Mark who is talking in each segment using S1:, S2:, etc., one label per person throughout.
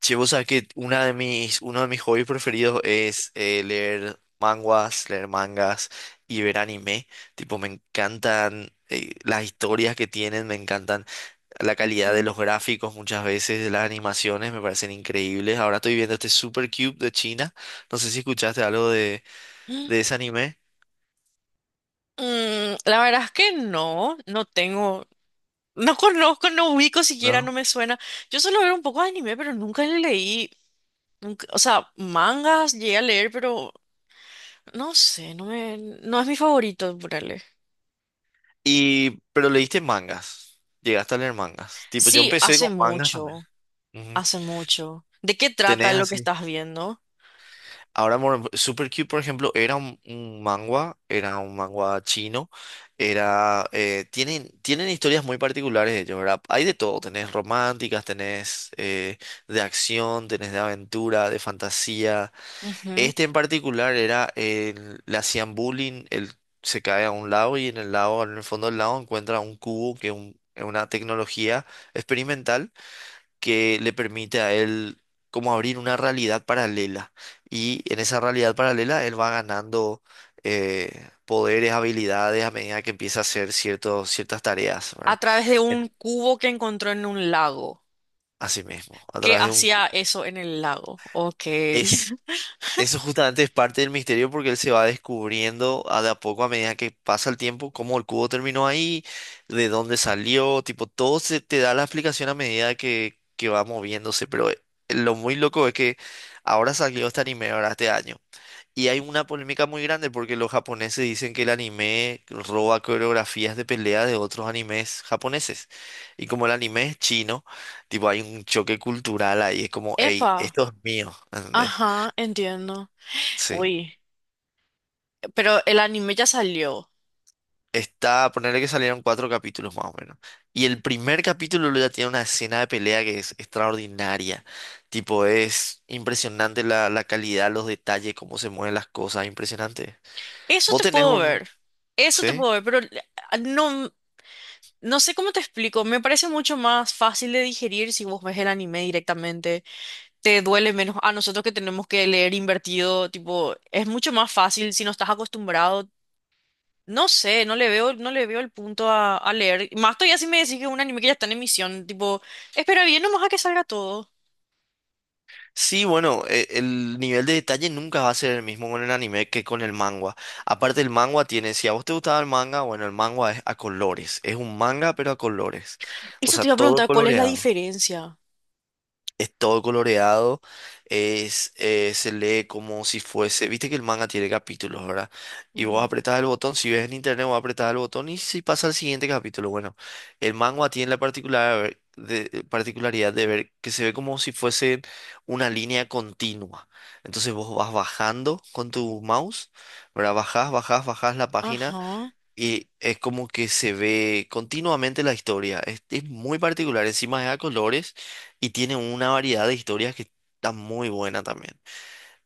S1: Che, vos sabés que uno de mis hobbies preferidos es leer mangas y ver anime. Tipo, me encantan las historias que tienen, me encantan la calidad de
S2: Ujú.
S1: los gráficos muchas veces, de las animaciones, me parecen increíbles. Ahora estoy viendo este Super Cube de China. No sé si escuchaste algo de ese anime,
S2: Mm, la verdad es que no, no tengo, no conozco, no ubico siquiera, no
S1: ¿no?
S2: me suena. Yo solo veo un poco de anime, pero nunca le leí, o sea, mangas llegué a leer, pero no sé, no me, no es mi favorito, ponerle.
S1: Y, pero leíste mangas. Llegaste a leer mangas. Tipo, yo
S2: Sí,
S1: empecé
S2: hace
S1: con mangas también.
S2: mucho,
S1: Ujú.
S2: hace mucho. ¿De qué trata
S1: ¿Tenés
S2: lo que
S1: así?
S2: estás viendo?
S1: Ahora, bueno, Super Cube, por ejemplo, era un manga, chino, tienen historias muy particulares de ellos, ¿verdad? Hay de todo, tenés románticas, tenés de acción, tenés de aventura, de fantasía.
S2: Ujú.
S1: Este en particular le hacían bullying, él se cae a un lado y en el lado, en el fondo del lado encuentra un cubo que es una tecnología experimental que le permite a él como abrir una realidad paralela. Y en esa realidad paralela él va ganando poderes, habilidades a medida que empieza a hacer ciertas tareas,
S2: A
S1: ¿verdad?
S2: través de un
S1: En-
S2: cubo que encontró en un lago.
S1: Así mismo, a
S2: ¿Qué
S1: través de un
S2: hacía
S1: cubo.
S2: eso en el lago? Ok.
S1: Es Eso justamente es parte del misterio porque él se va descubriendo a de a poco a medida que pasa el tiempo cómo el cubo terminó ahí, de dónde salió, tipo, todo se te da la explicación a medida que va moviéndose, pero lo muy loco es que ahora salió este anime ahora este año. Y hay una polémica muy grande porque los japoneses dicen que el anime roba coreografías de pelea de otros animes japoneses. Y como el anime es chino, tipo hay un choque cultural ahí, es como, hey,
S2: Epa.
S1: esto es mío, ¿entendés?
S2: Ajá, entiendo.
S1: Sí.
S2: Uy. Pero el anime ya salió.
S1: Está, ponerle que salieron cuatro capítulos más o menos. Y el primer capítulo luego ya tiene una escena de pelea que es extraordinaria. Tipo, es impresionante la calidad, los detalles, cómo se mueven las cosas, impresionante.
S2: Eso
S1: Vos
S2: te
S1: tenés
S2: puedo
S1: un...
S2: ver. Eso te
S1: ¿Sí?
S2: puedo ver, pero no, no sé cómo te explico. Me parece mucho más fácil de digerir si vos ves el anime directamente. Te duele menos. A nosotros que tenemos que leer invertido, tipo, es mucho más fácil si no estás acostumbrado. No sé, no le veo, no le veo el punto a leer. Más todavía si me decís que es un anime que ya está en emisión, tipo, espera bien nomás a que salga todo.
S1: Sí, bueno, el nivel de detalle nunca va a ser el mismo con el anime que con el manga. Aparte el manga tiene, si a vos te gustaba el manga, bueno, el manga es a colores. Es un manga pero a colores. O
S2: Eso
S1: sea,
S2: te iba a
S1: todo
S2: preguntar, ¿cuál es la
S1: coloreado.
S2: diferencia?
S1: Es todo coloreado, se lee como si fuese, viste que el manga tiene capítulos, ¿verdad? Y vos
S2: Ujú.
S1: apretás el botón, si ves en internet vos apretás el botón y si pasa al siguiente capítulo, bueno, el manga tiene la particularidad de ver que se ve como si fuese una línea continua. Entonces vos vas bajando con tu mouse, ¿verdad? Bajás, bajás, bajás la página
S2: Ajá.
S1: y es como que se ve continuamente la historia. Es muy particular. Encima es a colores y tiene una variedad de historias que está muy buena también.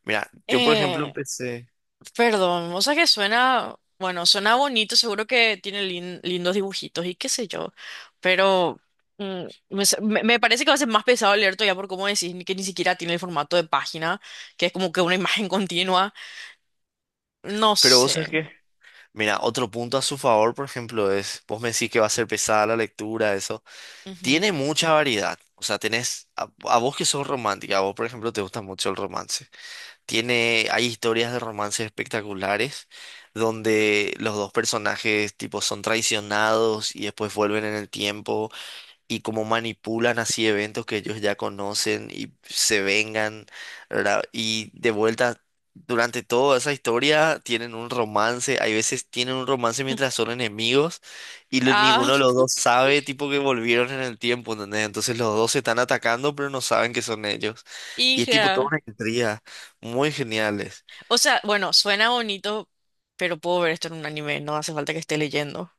S1: Mira, yo por ejemplo
S2: Eh,
S1: empecé.
S2: Perdón, o sea que suena, bueno, suena bonito, seguro que tiene lindos dibujitos y qué sé yo, pero mm, me parece que va a ser más pesado leer todavía por cómo decís que ni siquiera tiene el formato de página, que es como que una imagen continua, no
S1: Pero vos sabés
S2: sé.
S1: que. Mira, otro punto a su favor, por ejemplo, es. Vos me decís que va a ser pesada la lectura, eso.
S2: Ujú.
S1: Tiene mucha variedad. O sea, tenés. A vos que sos romántica, a vos por ejemplo te gusta mucho el romance. Hay historias de romances espectaculares donde los dos personajes tipo son traicionados y después vuelven en el tiempo y cómo manipulan así eventos que ellos ya conocen y se vengan, ¿verdad? Y de vuelta, durante toda esa historia tienen un romance, hay veces tienen un romance mientras son enemigos y
S2: Ah,
S1: ninguno de los dos sabe, tipo que volvieron en el tiempo, ¿entendés? Entonces los dos se están atacando pero no saben que son ellos. Y es tipo toda
S2: hija.
S1: una intriga, muy geniales.
S2: O sea, bueno, suena bonito, pero puedo ver esto en un anime, no hace falta que esté leyendo.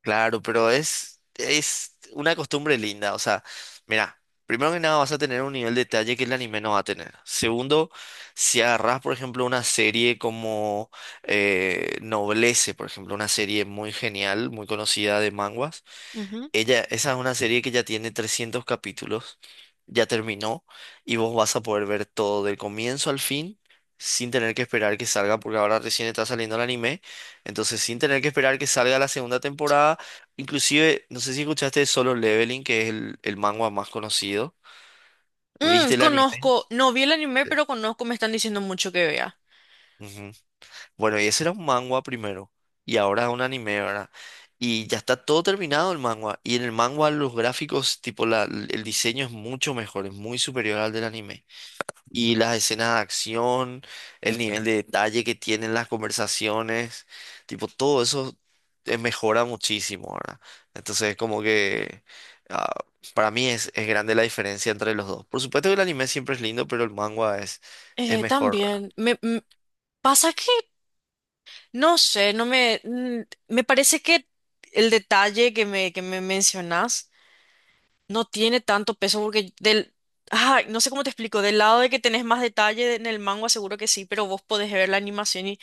S1: Claro, pero es una costumbre linda. O sea, mira, primero que nada vas a tener un nivel de detalle que el anime no va a tener. Segundo, si agarras, por ejemplo, una serie como Noblesse, por ejemplo, una serie muy genial, muy conocida de manguas.
S2: Ujú.
S1: Ella, esa es una serie que ya tiene 300 capítulos, ya terminó y vos vas a poder ver todo del comienzo al fin sin tener que esperar que salga, porque ahora recién está saliendo el anime, entonces sin tener que esperar que salga la segunda temporada, inclusive, no sé si escuchaste de Solo Leveling, que es el manga más conocido,
S2: Mm,
S1: ¿viste el anime?
S2: conozco, no vi el anime,
S1: Sí.
S2: pero conozco, me están diciendo mucho que vea.
S1: Ujú. Bueno, y ese era un manga primero, y ahora es un anime, ¿verdad? Y ya está todo terminado el manga, y en el manga los gráficos, tipo el diseño es mucho mejor, es muy superior al del anime. Y las escenas de acción, el nivel de detalle que tienen las conversaciones, tipo todo eso mejora muchísimo, ¿verdad? Entonces, como que ah, para mí es grande la diferencia entre los dos. Por supuesto que el anime siempre es lindo, pero el manga es mejor, ¿verdad?
S2: También, pasa que, no sé, no me, me parece que el detalle que me mencionas no tiene tanto peso porque del... Ay, no sé cómo te explico. Del lado de que tenés más detalle en el manga, seguro que sí, pero vos podés ver la animación y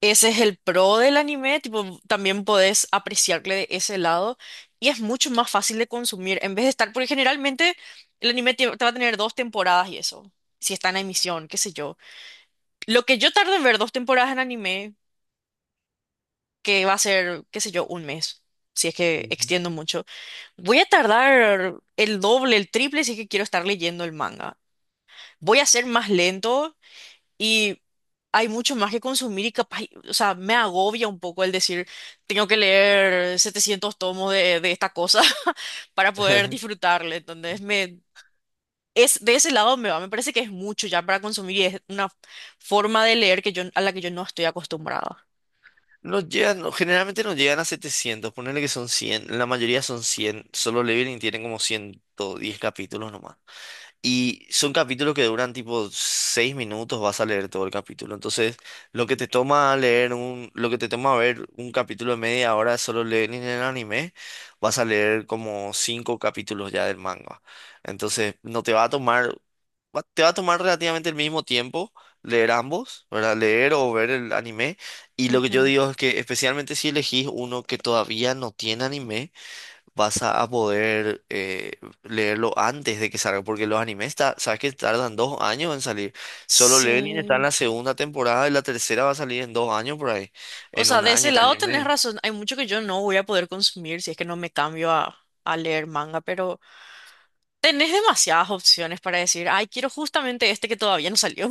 S2: ese es el pro del anime. Tipo, también podés apreciarle de ese lado y es mucho más fácil de consumir en vez de estar, porque generalmente el anime te va a tener dos temporadas y eso, si está en emisión, qué sé yo. Lo que yo tardo en ver dos temporadas en anime, que va a ser, qué sé yo, un mes, si es que
S1: Ujú.
S2: extiendo mucho. Voy a tardar el doble, el triple si es que quiero estar leyendo el manga. Voy a ser más lento y hay mucho más que consumir y capaz, o sea, me agobia un poco el decir, tengo que leer 700 tomos de esta cosa para poder disfrutarle. Entonces, me, es, de ese lado me va, me parece que es mucho ya para consumir y es una forma de leer que yo, a la que yo no estoy acostumbrada.
S1: No, generalmente nos llegan a 700, ponerle que son 100, la mayoría son 100. Solo Leveling tienen como 110 capítulos nomás. Y son capítulos que duran tipo 6 minutos, vas a leer todo el capítulo. Entonces, lo que te toma ver un capítulo de media hora de Solo Leveling en el anime, vas a leer como 5 capítulos ya del manga. Entonces, no te va a tomar, te va a tomar relativamente el mismo tiempo leer ambos, ¿verdad? Leer o ver el anime. Y lo que yo
S2: Ujú.
S1: digo es que especialmente si elegís uno que todavía no tiene anime, vas a poder leerlo antes de que salga, porque los animes, sabes que tardan 2 años en salir. Solo Leveling está en
S2: Sí.
S1: la segunda temporada y la tercera va a salir en 2 años por ahí,
S2: O
S1: en
S2: sea, de ese
S1: un año
S2: lado
S1: y
S2: tenés
S1: medio.
S2: razón. Hay mucho que yo no voy a poder consumir si es que no me cambio a, leer manga, pero tenés demasiadas opciones para decir, ay, quiero justamente este que todavía no salió.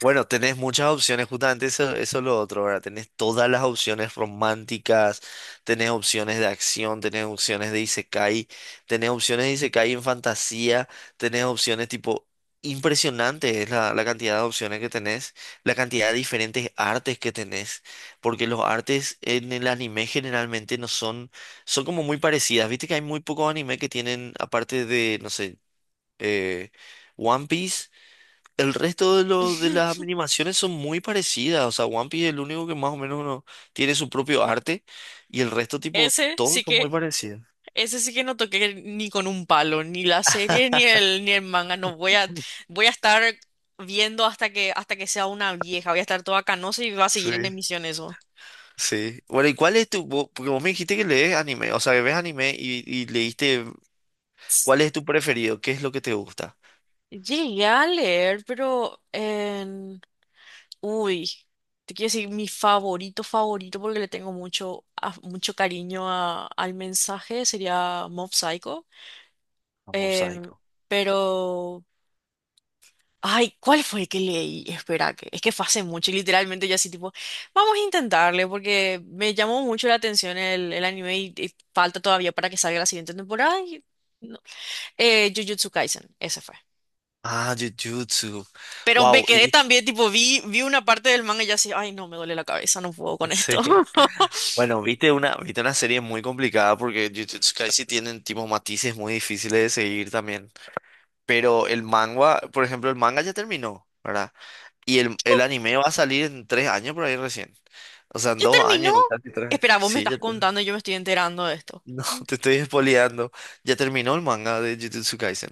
S1: Bueno, tenés muchas opciones, justamente eso, eso es lo otro, ¿verdad? Tenés todas las opciones románticas, tenés opciones de acción, tenés opciones de isekai, tenés opciones de isekai en fantasía, tenés opciones tipo... Impresionante es la cantidad de opciones que tenés, la cantidad de diferentes artes que tenés, porque los artes en el anime generalmente no son, son como muy parecidas. Viste que hay muy pocos anime que tienen, aparte de, no sé, eh, One Piece. El resto de, los de las animaciones son muy parecidas. O sea, One Piece es el único que más o menos uno tiene su propio arte. Y el resto, tipo,
S2: Ese
S1: todos
S2: sí
S1: son muy
S2: que,
S1: parecidos.
S2: ese sí que no toqué ni con un palo, ni la serie, ni el manga. No voy a, voy a estar viendo hasta que sea una vieja. Voy a estar toda canosa y va a seguir en
S1: Sí,
S2: emisión eso.
S1: sí. Bueno, ¿y cuál es tu...? Porque vos me dijiste que lees anime. O sea, que ves anime y leíste...
S2: Sí,
S1: ¿Cuál es tu preferido? ¿Qué es lo que te gusta?
S2: llegué a leer, pero uy, te quiero decir mi favorito, favorito, porque le tengo mucho cariño al mensaje, sería Mob Psycho.
S1: Mob
S2: Em,
S1: Psycho.
S2: pero, ay, ¿cuál fue que leí? Espera, que es que fue hace mucho y literalmente yo así tipo, vamos a intentarle, porque me llamó mucho la atención el anime y falta todavía para que salga la siguiente temporada. Y no. Jujutsu Kaisen, ese fue.
S1: Ah, Jujutsu.
S2: Pero me
S1: Wow. Y,
S2: quedé también, tipo, vi una parte del manga y ya así, ay, no, me duele la cabeza, no puedo con esto.
S1: sí. Bueno, viste una serie muy complicada porque Jujutsu Kaisen tienen tipo matices muy difíciles de seguir también. Pero el manga, por ejemplo, el manga ya terminó, ¿verdad? Y el anime va a salir en 3 años por ahí recién. O sea, en
S2: ¿Ya
S1: dos
S2: terminó?
S1: años, casi tres.
S2: Espera, vos me
S1: Sí,
S2: estás
S1: ya te...
S2: contando y yo me estoy enterando de esto.
S1: No, te estoy espoleando. Ya terminó el manga de Jujutsu Kaisen.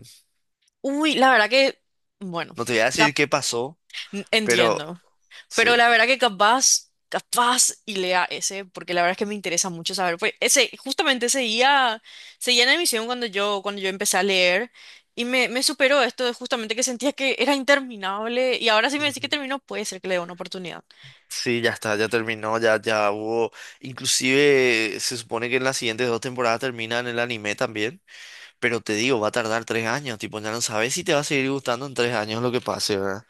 S2: Uy, la verdad que, bueno,
S1: No te voy a
S2: cap-
S1: decir qué pasó, pero
S2: entiendo.
S1: sí.
S2: Pero la verdad que capaz y lea ese, porque la verdad es que me interesa mucho saber. Pues ese, justamente seguía en emisión cuando yo empecé a leer. Y me superó esto de justamente que sentía que era interminable. Y ahora sí me decís que
S1: Ujú.
S2: terminó, puede ser que le dé una oportunidad.
S1: Sí, ya está, ya terminó, ya hubo. Inclusive se supone que en las siguientes dos temporadas terminan el anime también, pero te digo, va a tardar 3 años, tipo, ya no sabes si te va a seguir gustando en 3 años lo que pase, ¿verdad?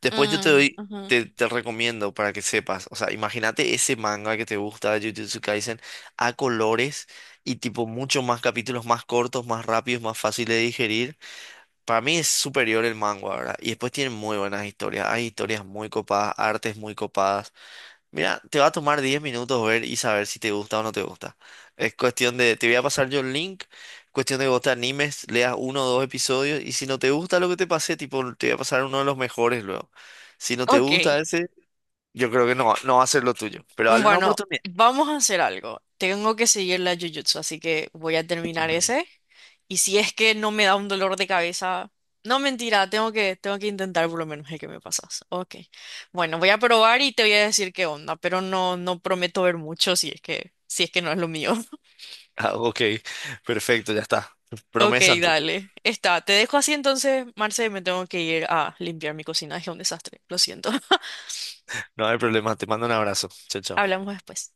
S1: Después yo te
S2: Mm,
S1: doy,
S2: ujú.
S1: te, te recomiendo para que sepas, o sea, imagínate ese manga que te gusta de Jujutsu Kaisen a colores y tipo mucho más capítulos más cortos, más rápidos, más fácil de digerir. Para mí es superior el manga, ¿verdad? Y después tienen muy buenas historias, hay historias muy copadas, artes muy copadas. Mira, te va a tomar 10 minutos ver y saber si te gusta o no te gusta. Es cuestión de, te voy a pasar yo el link, cuestión de que vos te animes, leas uno o dos episodios y si no te gusta lo que te pasé, tipo, te voy a pasar uno de los mejores luego. Si no te
S2: Ok.
S1: gusta ese, yo creo que no, no va a ser lo tuyo, pero dale una
S2: Bueno,
S1: oportunidad.
S2: vamos a hacer algo. Tengo que seguir la Jujutsu, así que voy a terminar ese. Y si es que no me da un dolor de cabeza, no mentira, tengo que intentar por lo menos el que me pasas. Ok. Bueno, voy a probar y te voy a decir qué onda, pero no, no prometo ver mucho si es que, no es lo mío.
S1: Ah, ok, perfecto, ya está.
S2: Ok,
S1: Promesa entonces.
S2: dale. Está, te dejo así entonces, Marce, me tengo que ir a limpiar mi cocina, es un desastre. Lo siento.
S1: No hay problema, te mando un abrazo. Chao, chao.
S2: Hablamos después.